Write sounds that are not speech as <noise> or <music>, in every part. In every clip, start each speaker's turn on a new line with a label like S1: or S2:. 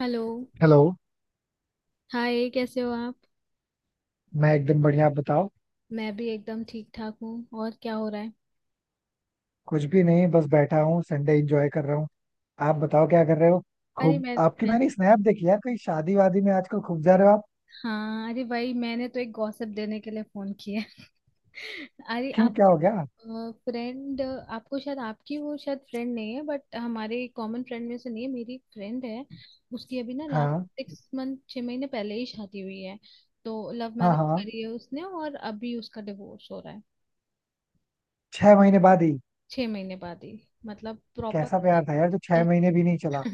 S1: Hello.
S2: Hello.
S1: Hi, कैसे हो आप?
S2: मैं एकदम बढ़िया, आप बताओ.
S1: मैं भी एकदम ठीक ठाक हूँ। और क्या हो रहा है?
S2: कुछ भी नहीं, बस बैठा हूँ, संडे एंजॉय कर रहा हूँ. आप बताओ क्या कर रहे हो.
S1: अरे
S2: खूब, आपकी
S1: मैं
S2: मैंने स्नैप देखी यार, कहीं शादी वादी में आजकल खूब जा रहे हो आप.
S1: हाँ, अरे भाई, मैंने तो एक गॉसिप देने के लिए फोन किया है। <laughs> अरे,
S2: क्यों, क्या
S1: आपको
S2: हो गया?
S1: फ्रेंड, आपको शायद, आपकी वो शायद फ्रेंड नहीं है, बट हमारे कॉमन फ्रेंड में से नहीं है। मेरी एक फ्रेंड है, उसकी अभी ना, लास्ट
S2: हाँ,
S1: सिक्स मंथ, छह महीने पहले ही शादी हुई है। तो लव
S2: हाँ,
S1: मैरिज
S2: हाँ.
S1: करी है उसने, और अभी उसका डिवोर्स हो रहा है,
S2: 6 महीने बाद ही?
S1: छह महीने बाद ही। मतलब प्रॉपर
S2: कैसा प्यार था यार जो 6 महीने भी नहीं चला.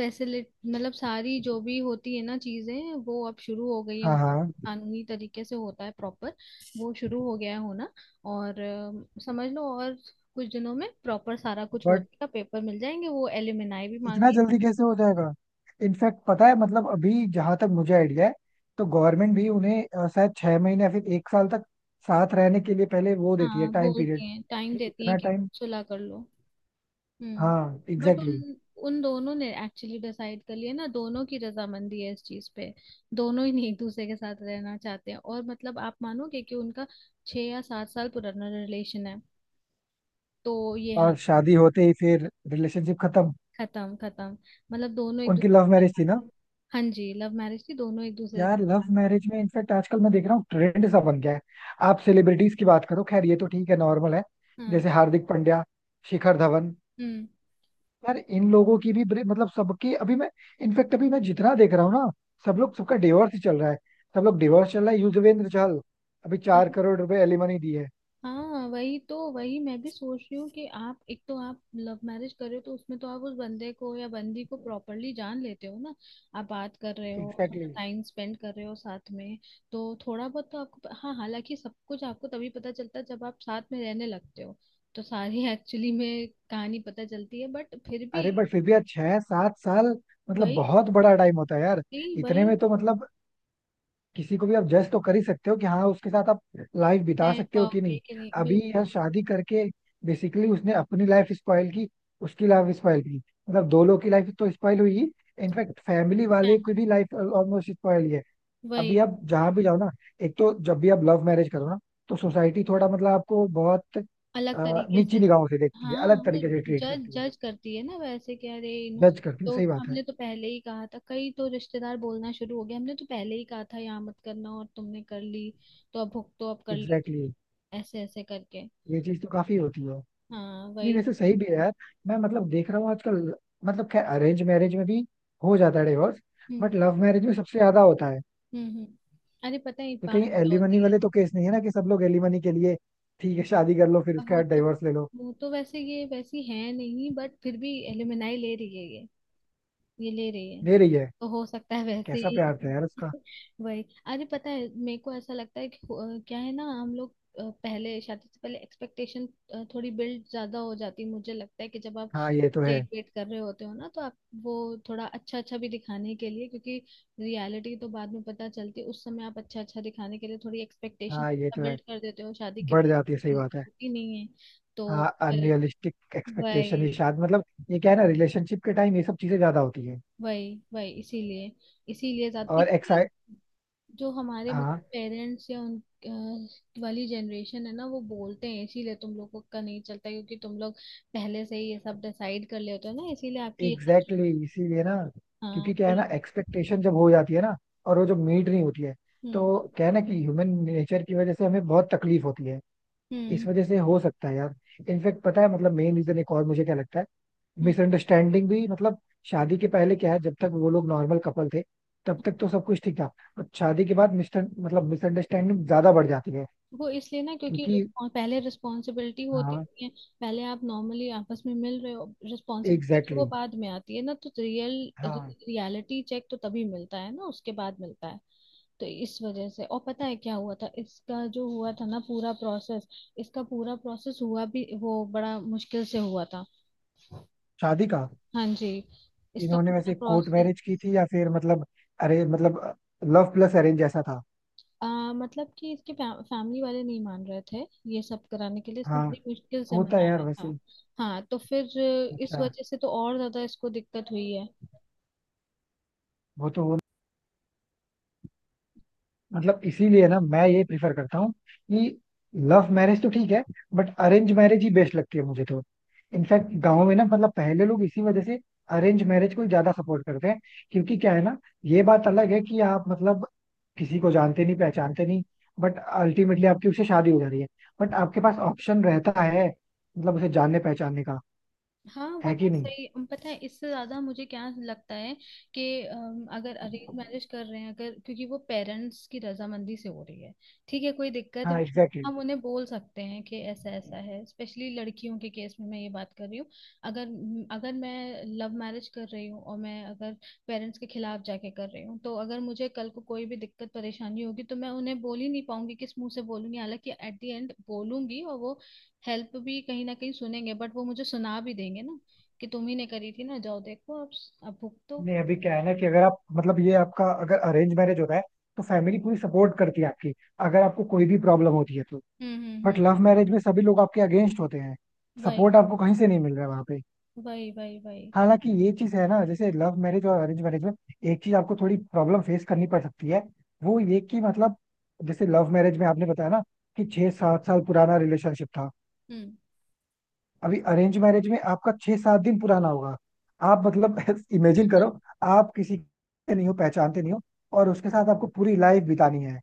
S1: फैसिलिट, मतलब सारी जो भी होती है ना चीजें, वो अब शुरू हो गई है।
S2: हाँ, हाँ.
S1: कानूनी तरीके से होता है प्रॉपर, वो शुरू हो गया है होना। और समझ लो, और कुछ दिनों में प्रॉपर सारा कुछ हो
S2: बट
S1: जाएगा, पेपर मिल जाएंगे, वो एलिमनाई भी
S2: इतना
S1: मांगे।
S2: जल्दी कैसे हो जाएगा? इनफैक्ट पता है मतलब अभी जहां तक मुझे आइडिया है तो गवर्नमेंट भी उन्हें शायद 6 महीने या फिर 1 साल तक साथ रहने के लिए पहले वो देती है
S1: हाँ,
S2: टाइम
S1: बोलते
S2: पीरियड,
S1: हैं टाइम
S2: कि
S1: देती हैं
S2: इतना
S1: कि
S2: टाइम.
S1: सुलह कर लो। हम्म।
S2: हाँ,
S1: बट
S2: एग्जैक्टली.
S1: उन उन दोनों ने एक्चुअली डिसाइड कर लिया ना, दोनों की रजामंदी है इस चीज पे। दोनों ही नहीं एक दूसरे के साथ रहना चाहते हैं और मतलब, आप मानोगे कि उनका छह या सात साल पुराना रिलेशन है। तो ये
S2: और
S1: हाल है।
S2: शादी होते ही फिर रिलेशनशिप खत्म?
S1: खत्म, खत्म। मतलब दोनों एक दूसरे
S2: उनकी लव
S1: के
S2: मैरिज थी ना.
S1: साथ- हाँ जी, लव मैरिज थी, दोनों एक दूसरे।
S2: यार लव मैरिज में इनफैक्ट आजकल मैं देख रहा हूँ ट्रेंड सा बन गया है. आप सेलिब्रिटीज की बात करो, खैर ये तो ठीक है, नॉर्मल है.
S1: हाँ।
S2: जैसे हार्दिक पांड्या, शिखर धवन,
S1: हम्म।
S2: यार इन लोगों की भी मतलब सबकी अभी मैं, इनफैक्ट अभी मैं जितना देख रहा हूँ ना, सब लोग सबका डिवोर्स ही चल रहा है. सब लोग डिवोर्स चल रहा है, युजवेंद्र चहल अभी चार
S1: वही।
S2: करोड़ रुपए एलिमनी दी है.
S1: हाँ, वही तो, वही मैं भी सोच रही हूँ कि आप एक तो, आप लव मैरिज कर रहे हो तो उसमें तो आप उस बंदे को या बंदी को प्रॉपरली जान लेते हो ना। आप बात कर रहे हो,
S2: एग्जैक्टली
S1: थोड़ा
S2: exactly.
S1: टाइम स्पेंड कर रहे हो साथ में। तो थोड़ा बहुत तो आपको, हाँ, हालांकि सब कुछ आपको तभी पता चलता है जब आप साथ में रहने लगते हो। तो सारी <laughs> एक्चुअली में कहानी पता चलती है, बट फिर भी।
S2: अरे बट फिर भी यार 6-7 साल, मतलब
S1: वही,
S2: बहुत बड़ा टाइम होता है यार.
S1: वही, वही।
S2: इतने में तो मतलब किसी को भी आप जज तो कर ही सकते हो कि हाँ उसके साथ आप लाइफ बिता
S1: रह
S2: सकते हो कि
S1: पाओगे
S2: नहीं.
S1: कि नहीं,
S2: अभी
S1: बिल्कुल।
S2: यह शादी करके बेसिकली उसने अपनी लाइफ स्पॉइल की, उसकी लाइफ स्पॉइल की, मतलब दो लोग की लाइफ तो स्पॉइल हुई ही. इनफैक्ट फैमिली वाले
S1: फैम-
S2: की भी लाइफ ऑलमोस्ट स्पॉइल ही है. अभी
S1: वही।
S2: आप जहाँ भी जाओ ना, एक तो जब भी आप लव मैरिज करो ना तो सोसाइटी थोड़ा मतलब आपको बहुत
S1: अलग तरीके से।
S2: नीची निगाहों से देखती है,
S1: हाँ,
S2: अलग
S1: वो।
S2: तरीके से ट्रीट
S1: जज
S2: करती है.
S1: जज करती है ना, वैसे कि अरे,
S2: जज करती है,
S1: तो
S2: सही बात है.
S1: हमने तो पहले ही कहा था, कई तो रिश्तेदार बोलना शुरू हो गए, हमने तो पहले ही कहा था यहाँ मत करना और तुमने कर ली। तो अब भुगतो, अब कर ली।
S2: Exactly exactly.
S1: ऐसे ऐसे करके।
S2: ये चीज तो काफी होती है.
S1: हाँ,
S2: नहीं
S1: वही।
S2: वैसे सही भी है यार. मैं मतलब देख रहा हूँ आजकल, मतलब खैर अरेंज मैरिज में भी हो जाता है divorce.
S1: Hmm,
S2: but love marriage में सबसे ज्यादा होता है.
S1: हम्म, हम्म। अरे पता है
S2: तो
S1: बात
S2: कहीं
S1: क्या
S2: एलिमनी
S1: होती है?
S2: वाले तो केस नहीं है ना, कि सब लोग एलिमनी के लिए ठीक है शादी कर लो फिर
S1: अब
S2: उसके
S1: वो
S2: बाद
S1: तो
S2: डिवोर्स ले लो?
S1: वो तो वैसे ये वैसी है नहीं, बट फिर भी एलुमनाई ले रही है, ये ले रही है।
S2: दे रही है?
S1: तो हो सकता है वैसे
S2: कैसा
S1: ही।
S2: प्यार था यार उसका.
S1: <laughs> वही। अरे पता है, मेरे को ऐसा लगता है कि क्या है ना, हम लोग पहले, शादी से पहले एक्सपेक्टेशन थोड़ी बिल्ड ज्यादा हो जाती है। मुझे लगता है कि जब आप
S2: हाँ ये तो है.
S1: डेट वेट कर रहे होते हो ना, तो आप वो थोड़ा अच्छा अच्छा भी दिखाने के लिए, क्योंकि रियलिटी तो बाद में पता चलती है। उस समय आप अच्छा अच्छा दिखाने के लिए थोड़ी एक्सपेक्टेशन
S2: हाँ ये तो है.
S1: बिल्ड कर देते हो, शादी के
S2: बढ़
S1: बाद
S2: जाती है,
S1: वो
S2: सही
S1: चीज़
S2: बात है.
S1: होती नहीं है। तो
S2: हाँ
S1: फिर।
S2: अनरियलिस्टिक एक्सपेक्टेशन
S1: वही,
S2: ये शायद मतलब, ये क्या है ना, रिलेशनशिप के टाइम ये सब चीजें ज्यादा होती है.
S1: वही, वही, इसीलिए। इसीलिए ज्यादा,
S2: और
S1: इसलिए
S2: एक्साइट.
S1: जो हमारे मतलब
S2: हाँ
S1: पेरेंट्स या उन वाली जनरेशन है ना, वो बोलते हैं इसीलिए तुम लोगों का नहीं चलता, क्योंकि तुम लोग पहले से ही ये सब डिसाइड कर लेते हो ना, इसीलिए आपकी ये
S2: एग्जैक्टली
S1: सब।
S2: exactly, इसीलिए ना.
S1: हाँ,
S2: क्योंकि क्या है
S1: बोलो।
S2: ना, एक्सपेक्टेशन जब हो जाती है ना और वो जो मीट नहीं होती है,
S1: हम्म,
S2: तो क्या है ना कि ह्यूमन नेचर की वजह से हमें बहुत तकलीफ होती है. इस
S1: हम्म,
S2: वजह से हो सकता है यार. इनफेक्ट पता है मतलब मेन रीजन एक और मुझे क्या लगता है,
S1: हम्म।
S2: मिसअंडरस्टैंडिंग भी मतलब शादी के पहले क्या है, जब तक वो लोग नॉर्मल कपल थे तब तक तो सब कुछ ठीक था. बट शादी के बाद मिस्टर मतलब मिसअंडरस्टैंडिंग ज्यादा बढ़ जाती है
S1: वो इसलिए ना, क्योंकि
S2: क्योंकि.
S1: पहले रिस्पॉन्सिबिलिटी होती
S2: हाँ,
S1: नहीं है। पहले आप नॉर्मली आपस में मिल रहे हो, रिस्पॉन्सिबिलिटी तो
S2: एग्जैक्टली
S1: वो
S2: exactly,
S1: बाद में आती है ना, तो
S2: हाँ.
S1: रियलिटी चेक तो तभी मिलता है ना, उसके बाद मिलता है। तो इस वजह से। और पता है क्या हुआ था? इसका जो हुआ था ना पूरा प्रोसेस, इसका पूरा प्रोसेस हुआ भी वो बड़ा मुश्किल से हुआ था।
S2: शादी का?
S1: हाँ जी, इसका
S2: इन्होंने
S1: पूरा
S2: वैसे कोर्ट
S1: प्रोसेस।
S2: मैरिज की थी या फिर मतलब, अरे मतलब लव प्लस अरेंज ऐसा था.
S1: मतलब कि इसके फैमिली वाले नहीं मान रहे थे, ये सब कराने के लिए इसने
S2: हाँ,
S1: बड़ी मुश्किल से
S2: होता है यार
S1: मनाया था।
S2: वैसे.
S1: हाँ, तो फिर इस
S2: अच्छा.
S1: वजह से तो और ज्यादा इसको दिक्कत हुई है।
S2: वो तो हो. मतलब इसीलिए ना मैं ये प्रिफर करता हूँ कि लव मैरिज तो ठीक है, बट अरेंज मैरिज ही बेस्ट लगती है मुझे तो. इनफैक्ट गाँव में ना मतलब पहले लोग इसी वजह से अरेंज मैरिज को ज्यादा सपोर्ट करते हैं, क्योंकि क्या है ना, ये बात अलग है कि आप मतलब किसी को जानते नहीं पहचानते नहीं, बट अल्टीमेटली आपकी उससे शादी हो जा रही है, बट आपके पास ऑप्शन रहता है मतलब उसे जानने पहचानने का.
S1: हाँ, वो
S2: है कि
S1: बात
S2: नहीं?
S1: सही है। पता है इससे ज्यादा मुझे क्या लगता है? कि अगर अरेंज मैरिज कर रहे हैं, अगर क्योंकि वो पेरेंट्स की रजामंदी से हो रही है, ठीक है, कोई दिक्कत
S2: हाँ
S1: भी है,
S2: एग्जैक्टली.
S1: हम उन्हें बोल सकते हैं कि ऐसा ऐसा है। स्पेशली लड़कियों के केस में मैं ये बात कर रही हूँ। अगर अगर मैं लव मैरिज कर रही हूँ और मैं, अगर पेरेंट्स के खिलाफ जाके कर रही हूँ, तो अगर मुझे कल को कोई भी दिक्कत परेशानी होगी, तो मैं उन्हें बोल ही नहीं पाऊंगी, किस मुंह से बोलूंगी? हालांकि एट द एंड बोलूंगी और वो हेल्प भी कहीं ना कहीं सुनेंगे, बट वो मुझे सुना भी देंगे ना, कि तुम ही ने करी थी ना, जाओ देखो अब भुगतो।
S2: नहीं अभी क्या है ना कि अगर आप मतलब ये आपका अगर अरेंज मैरिज होता है तो फैमिली पूरी सपोर्ट करती है आपकी, अगर आपको कोई भी प्रॉब्लम होती है तो.
S1: Hmm, hmm,
S2: but
S1: hmm.
S2: Love marriage में सभी लोग आपके अगेंस्ट होते हैं.
S1: वही,
S2: सपोर्ट आपको कहीं से नहीं मिल रहा है वहां पे.
S1: वही, वही, वही।
S2: हालांकि ये चीज है ना, जैसे लव मैरिज और अरेंज मैरिज में एक चीज आपको थोड़ी प्रॉब्लम फेस करनी पड़ सकती है. वो ये कि मतलब, जैसे लव मैरिज में आपने बताया ना कि 6-7 साल पुराना रिलेशनशिप था,
S1: हम्म।
S2: अभी अरेंज मैरिज में आपका 6-7 दिन पुराना होगा. आप मतलब <laughs> इमेजिन करो, आप किसी के नहीं हो, पहचानते नहीं हो, और उसके साथ आपको पूरी लाइफ बितानी है.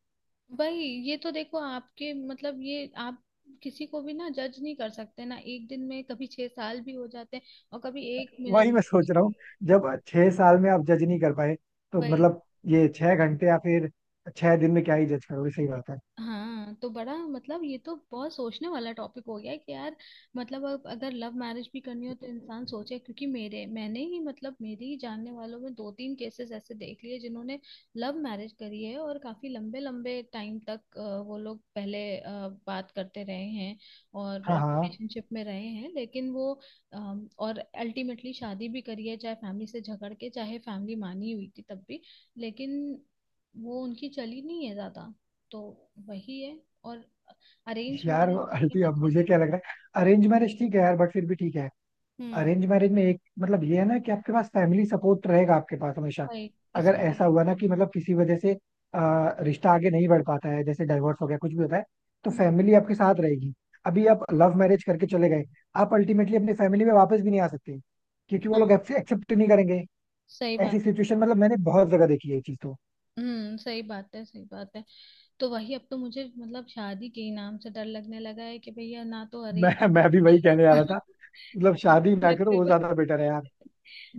S1: भाई, ये तो देखो आपके मतलब, ये आप किसी को भी ना जज नहीं कर सकते ना, एक दिन में कभी छह साल भी हो जाते हैं और कभी एक
S2: वही
S1: मिनट।
S2: मैं सोच रहा हूँ, जब 6 साल में आप जज नहीं कर पाए तो
S1: वही।
S2: मतलब, ये 6 घंटे या फिर 6 दिन में क्या ही जज करोगे, सही बात है.
S1: हाँ, तो बड़ा मतलब ये तो बहुत सोचने वाला टॉपिक हो गया है कि यार, मतलब अब अगर लव मैरिज भी करनी हो तो इंसान सोचे, क्योंकि मेरे, मैंने ही, मतलब मेरी ही जानने वालों में दो तीन केसेस ऐसे देख लिए, जिन्होंने लव मैरिज करी है और काफी लंबे लंबे टाइम तक वो लोग पहले बात करते रहे हैं और
S2: हाँ, हाँ.
S1: रिलेशनशिप में रहे हैं, लेकिन वो और अल्टीमेटली शादी भी करी है, चाहे फैमिली से झगड़ के, चाहे फैमिली मानी हुई थी तब भी, लेकिन वो उनकी चली नहीं है ज्यादा। तो वही है। और अरेंज
S2: यार
S1: मैरिज में क्या
S2: अल्टी
S1: है
S2: अब मुझे
S1: चली।
S2: क्या लग रहा है, अरेंज मैरिज ठीक है यार, बट फिर भी ठीक है.
S1: हम्म,
S2: अरेंज मैरिज में एक मतलब ये है ना कि आपके पास फैमिली सपोर्ट रहेगा, आपके पास हमेशा,
S1: गई,
S2: अगर
S1: इसीलिए।
S2: ऐसा हुआ ना कि मतलब किसी वजह से अ, रिश्ता आगे नहीं बढ़ पाता है जैसे डाइवोर्स हो गया कुछ भी होता है, तो
S1: हम्म।
S2: फैमिली आपके साथ रहेगी. अभी आप लव मैरिज करके चले गए, आप अल्टीमेटली अपनी फैमिली में वापस भी नहीं आ सकते क्योंकि वो
S1: हाँ,
S2: लोग आपसे एक्सेप्ट नहीं करेंगे.
S1: सही बात।
S2: ऐसी सिचुएशन मतलब मैंने बहुत जगह देखी है ये चीज तो.
S1: हम्म, सही बात है, सही बात है। तो वही, अब तो मुझे मतलब शादी के ही नाम से डर लगने लगा है कि भैया, ना तो अरेंज,
S2: मैं भी
S1: ना
S2: वही कहने
S1: लव।
S2: जा रहा था.
S1: <laughs>
S2: मतलब
S1: शादी
S2: शादी ना
S1: मत
S2: करो वो
S1: करो।
S2: ज्यादा बेटर है यार.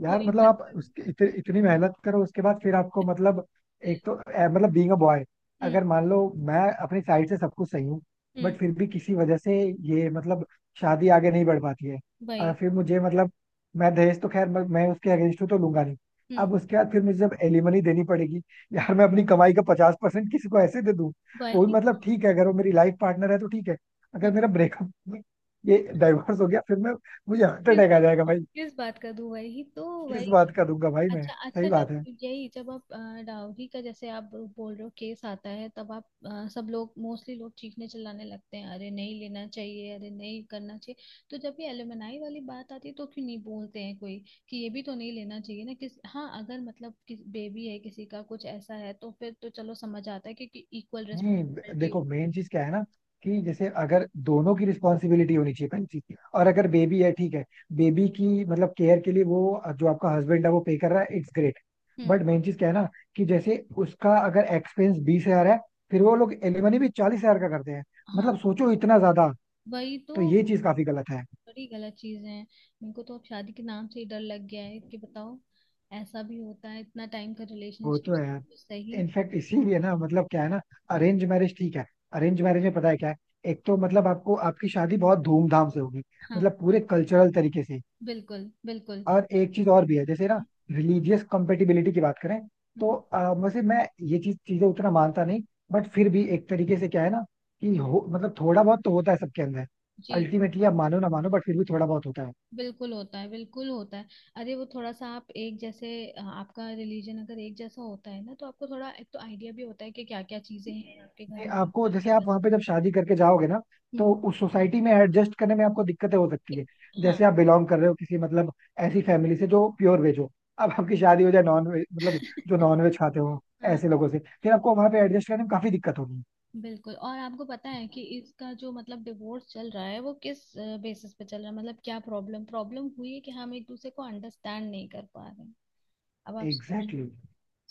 S2: यार
S1: वही,
S2: मतलब
S1: मत
S2: आप
S1: करो।
S2: उसके इतनी मेहनत करो उसके बाद फिर आपको मतलब, एक तो मतलब बीइंग अ बॉय,
S1: हम्म,
S2: अगर मान लो मैं अपनी साइड से सब कुछ सही हूँ,
S1: हम्म।
S2: बट फिर भी किसी वजह से ये मतलब शादी आगे नहीं बढ़ पाती है.
S1: वही।
S2: फिर मुझे मतलब, मैं दहेज तो खैर मैं उसके अगेंस्ट हूँ तो लूंगा नहीं. अब
S1: हम्म।
S2: उसके बाद फिर मुझे जब एलिमनी देनी पड़ेगी,
S1: हाँ,
S2: यार मैं अपनी कमाई का 50% किसी को ऐसे दे दूँ. वो भी
S1: वही।
S2: मतलब ठीक है, अगर वो मेरी लाइफ पार्टनर है तो ठीक है. अगर मेरा ब्रेकअप, ये डाइवोर्स हो गया फिर मैं, मुझे हार्ट
S1: हम्म,
S2: अटैक आ जाएगा.
S1: किस बात का दो, वही तो।
S2: किस
S1: वही।
S2: बात का दूंगा भाई मैं.
S1: अच्छा,
S2: सही
S1: अच्छा, जब
S2: बात है.
S1: यही जब आप डाउरी का, जैसे आप बोल रहे हो, केस आता है, तब आप सब लोग, मोस्टली लोग, चीखने चिल्लाने लगते हैं, अरे नहीं लेना चाहिए, अरे नहीं करना चाहिए। तो जब ये एलुमनाई वाली बात आती है तो क्यों नहीं बोलते हैं कोई कि ये भी तो नहीं लेना चाहिए ना? किस, हाँ, अगर मतलब किस बेबी है, किसी का कुछ ऐसा है, तो फिर तो चलो समझ आता है, क्योंकि इक्वल
S2: नहीं
S1: रिस्पॉन्सिबिलिटी।
S2: देखो मेन चीज क्या है ना, कि जैसे अगर दोनों की रिस्पॉन्सिबिलिटी होनी चाहिए पहली चीज, और अगर बेबी है ठीक है, बेबी की मतलब केयर के लिए वो जो आपका हस्बैंड है वो पे कर रहा है, it's great.
S1: Hmm.
S2: But main चीज क्या है ना, कि जैसे उसका अगर एक्सपेंस 20 हजार है, फिर वो लोग एलिमनी भी 40 हजार का करते हैं,
S1: हाँ,
S2: मतलब सोचो इतना ज्यादा.
S1: वही तो।
S2: तो ये चीज काफी गलत है.
S1: बड़ी गलत चीजें हैं। इनको तो अब शादी के नाम से ही डर लग गया है कि बताओ, ऐसा भी होता है इतना टाइम का
S2: वो
S1: रिलेशनशिप।
S2: तो है यार.
S1: तो सही।
S2: इनफैक्ट इसीलिए ना मतलब क्या है ना, अरेंज मैरिज ठीक है. अरेंज मैरिज में पता है क्या है, एक तो मतलब आपको आपकी शादी बहुत धूमधाम से होगी,
S1: हाँ,
S2: मतलब पूरे कल्चरल तरीके से.
S1: बिल्कुल, बिल्कुल।
S2: और एक चीज और भी है, जैसे ना रिलीजियस कंपेटिबिलिटी की बात करें तो वैसे मैं ये चीजें उतना मानता नहीं. बट फिर भी एक तरीके से क्या है ना कि हो मतलब थोड़ा बहुत तो होता है सबके अंदर.
S1: जी,
S2: अल्टीमेटली आप मानो ना मानो बट फिर भी थोड़ा बहुत होता है.
S1: बिल्कुल होता है, बिल्कुल होता है। अरे, वो थोड़ा सा आप एक, जैसे आपका रिलीजन अगर एक जैसा होता है ना, तो आपको थोड़ा, एक तो आइडिया भी होता है कि क्या क्या चीजें हैं आपके घर में,
S2: नहीं, आपको
S1: क्या-क्या
S2: जैसे आप
S1: करना
S2: वहां पे जब शादी करके जाओगे ना
S1: है।
S2: तो उस सोसाइटी में एडजस्ट करने में आपको दिक्कतें हो सकती
S1: एक-
S2: है. जैसे आप बिलोंग कर रहे हो किसी मतलब ऐसी फैमिली से जो प्योर वेज हो, अब आपकी शादी हो जाए नॉन वेज मतलब जो नॉन वेज खाते हो
S1: हाँ,
S2: ऐसे लोगों से, फिर आपको वहां पे एडजस्ट करने में काफी दिक्कत होगी.
S1: बिल्कुल। और आपको पता है कि इसका जो मतलब डिवोर्स चल रहा है, वो किस बेसिस पे चल रहा है? मतलब क्या प्रॉब्लम, प्रॉब्लम हुई है कि हम एक दूसरे को अंडरस्टैंड नहीं कर पा रहे हैं। अब आप सोच,
S2: एग्जैक्टली exactly.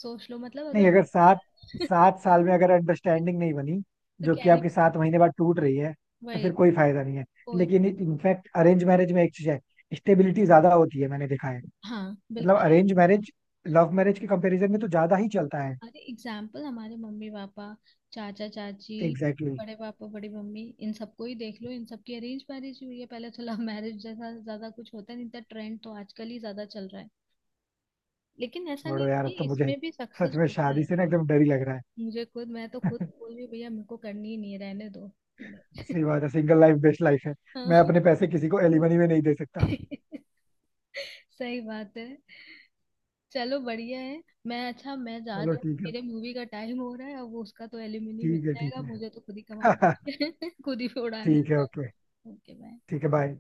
S1: लो, मतलब
S2: नहीं अगर सात
S1: अगर <laughs>
S2: सात साल में अगर अंडरस्टैंडिंग नहीं बनी,
S1: तो
S2: जो
S1: क्या
S2: कि
S1: ही।
S2: आपके 7 महीने बाद टूट रही है, तो
S1: वही,
S2: फिर कोई फायदा नहीं है.
S1: कोई।
S2: लेकिन इनफैक्ट अरेंज मैरिज में एक चीज है, स्टेबिलिटी ज्यादा होती है, मैंने देखा है.
S1: हाँ,
S2: मतलब
S1: बिल्कुल। अरे,
S2: अरेंज मैरिज लव मैरिज के कंपैरिजन में तो ज्यादा ही चलता है.
S1: अरे एग्जाम्पल, हमारे मम्मी पापा, चाचा चाची,
S2: एग्जैक्टली exactly.
S1: बड़े पापा, बड़ी मम्मी, इन सबको ही देख लो, इन सबकी अरेंज मैरिज हुई है। पहले तो लव मैरिज जैसा ज्यादा कुछ होता नहीं था, ट्रेंड तो आजकल ही ज्यादा चल रहा है, लेकिन ऐसा नहीं
S2: छोड़ो यार,
S1: कि
S2: अब तो मुझे
S1: इसमें भी
S2: सच
S1: सक्सेस
S2: में
S1: होता
S2: शादी
S1: है।
S2: से ना एकदम डर ही लग रहा
S1: मुझे खुद, मैं तो खुद
S2: है.
S1: बोल रही हूँ, भैया मेरे को करनी ही नहीं है, रहने दो।
S2: <laughs> सही
S1: <laughs>
S2: बात है, सिंगल लाइफ बेस्ट लाइफ है. मैं
S1: हाँ।
S2: अपने पैसे किसी को एलिमनी में नहीं दे सकता.
S1: <laughs> सही बात है। चलो, बढ़िया है, मैं, अच्छा, मैं
S2: चलो
S1: जाती हूँ,
S2: ठीक है.
S1: मेरे मूवी का टाइम हो रहा है, अब वो उसका तो एलिमनी मिल
S2: ठीक है ठीक
S1: जाएगा, मुझे तो खुद ही
S2: है.
S1: कमाना है, <laughs> खुद ही
S2: <laughs>
S1: उड़ाना
S2: ठीक है,
S1: है।
S2: ओके.
S1: Okay, bye.
S2: ठीक है, बाय.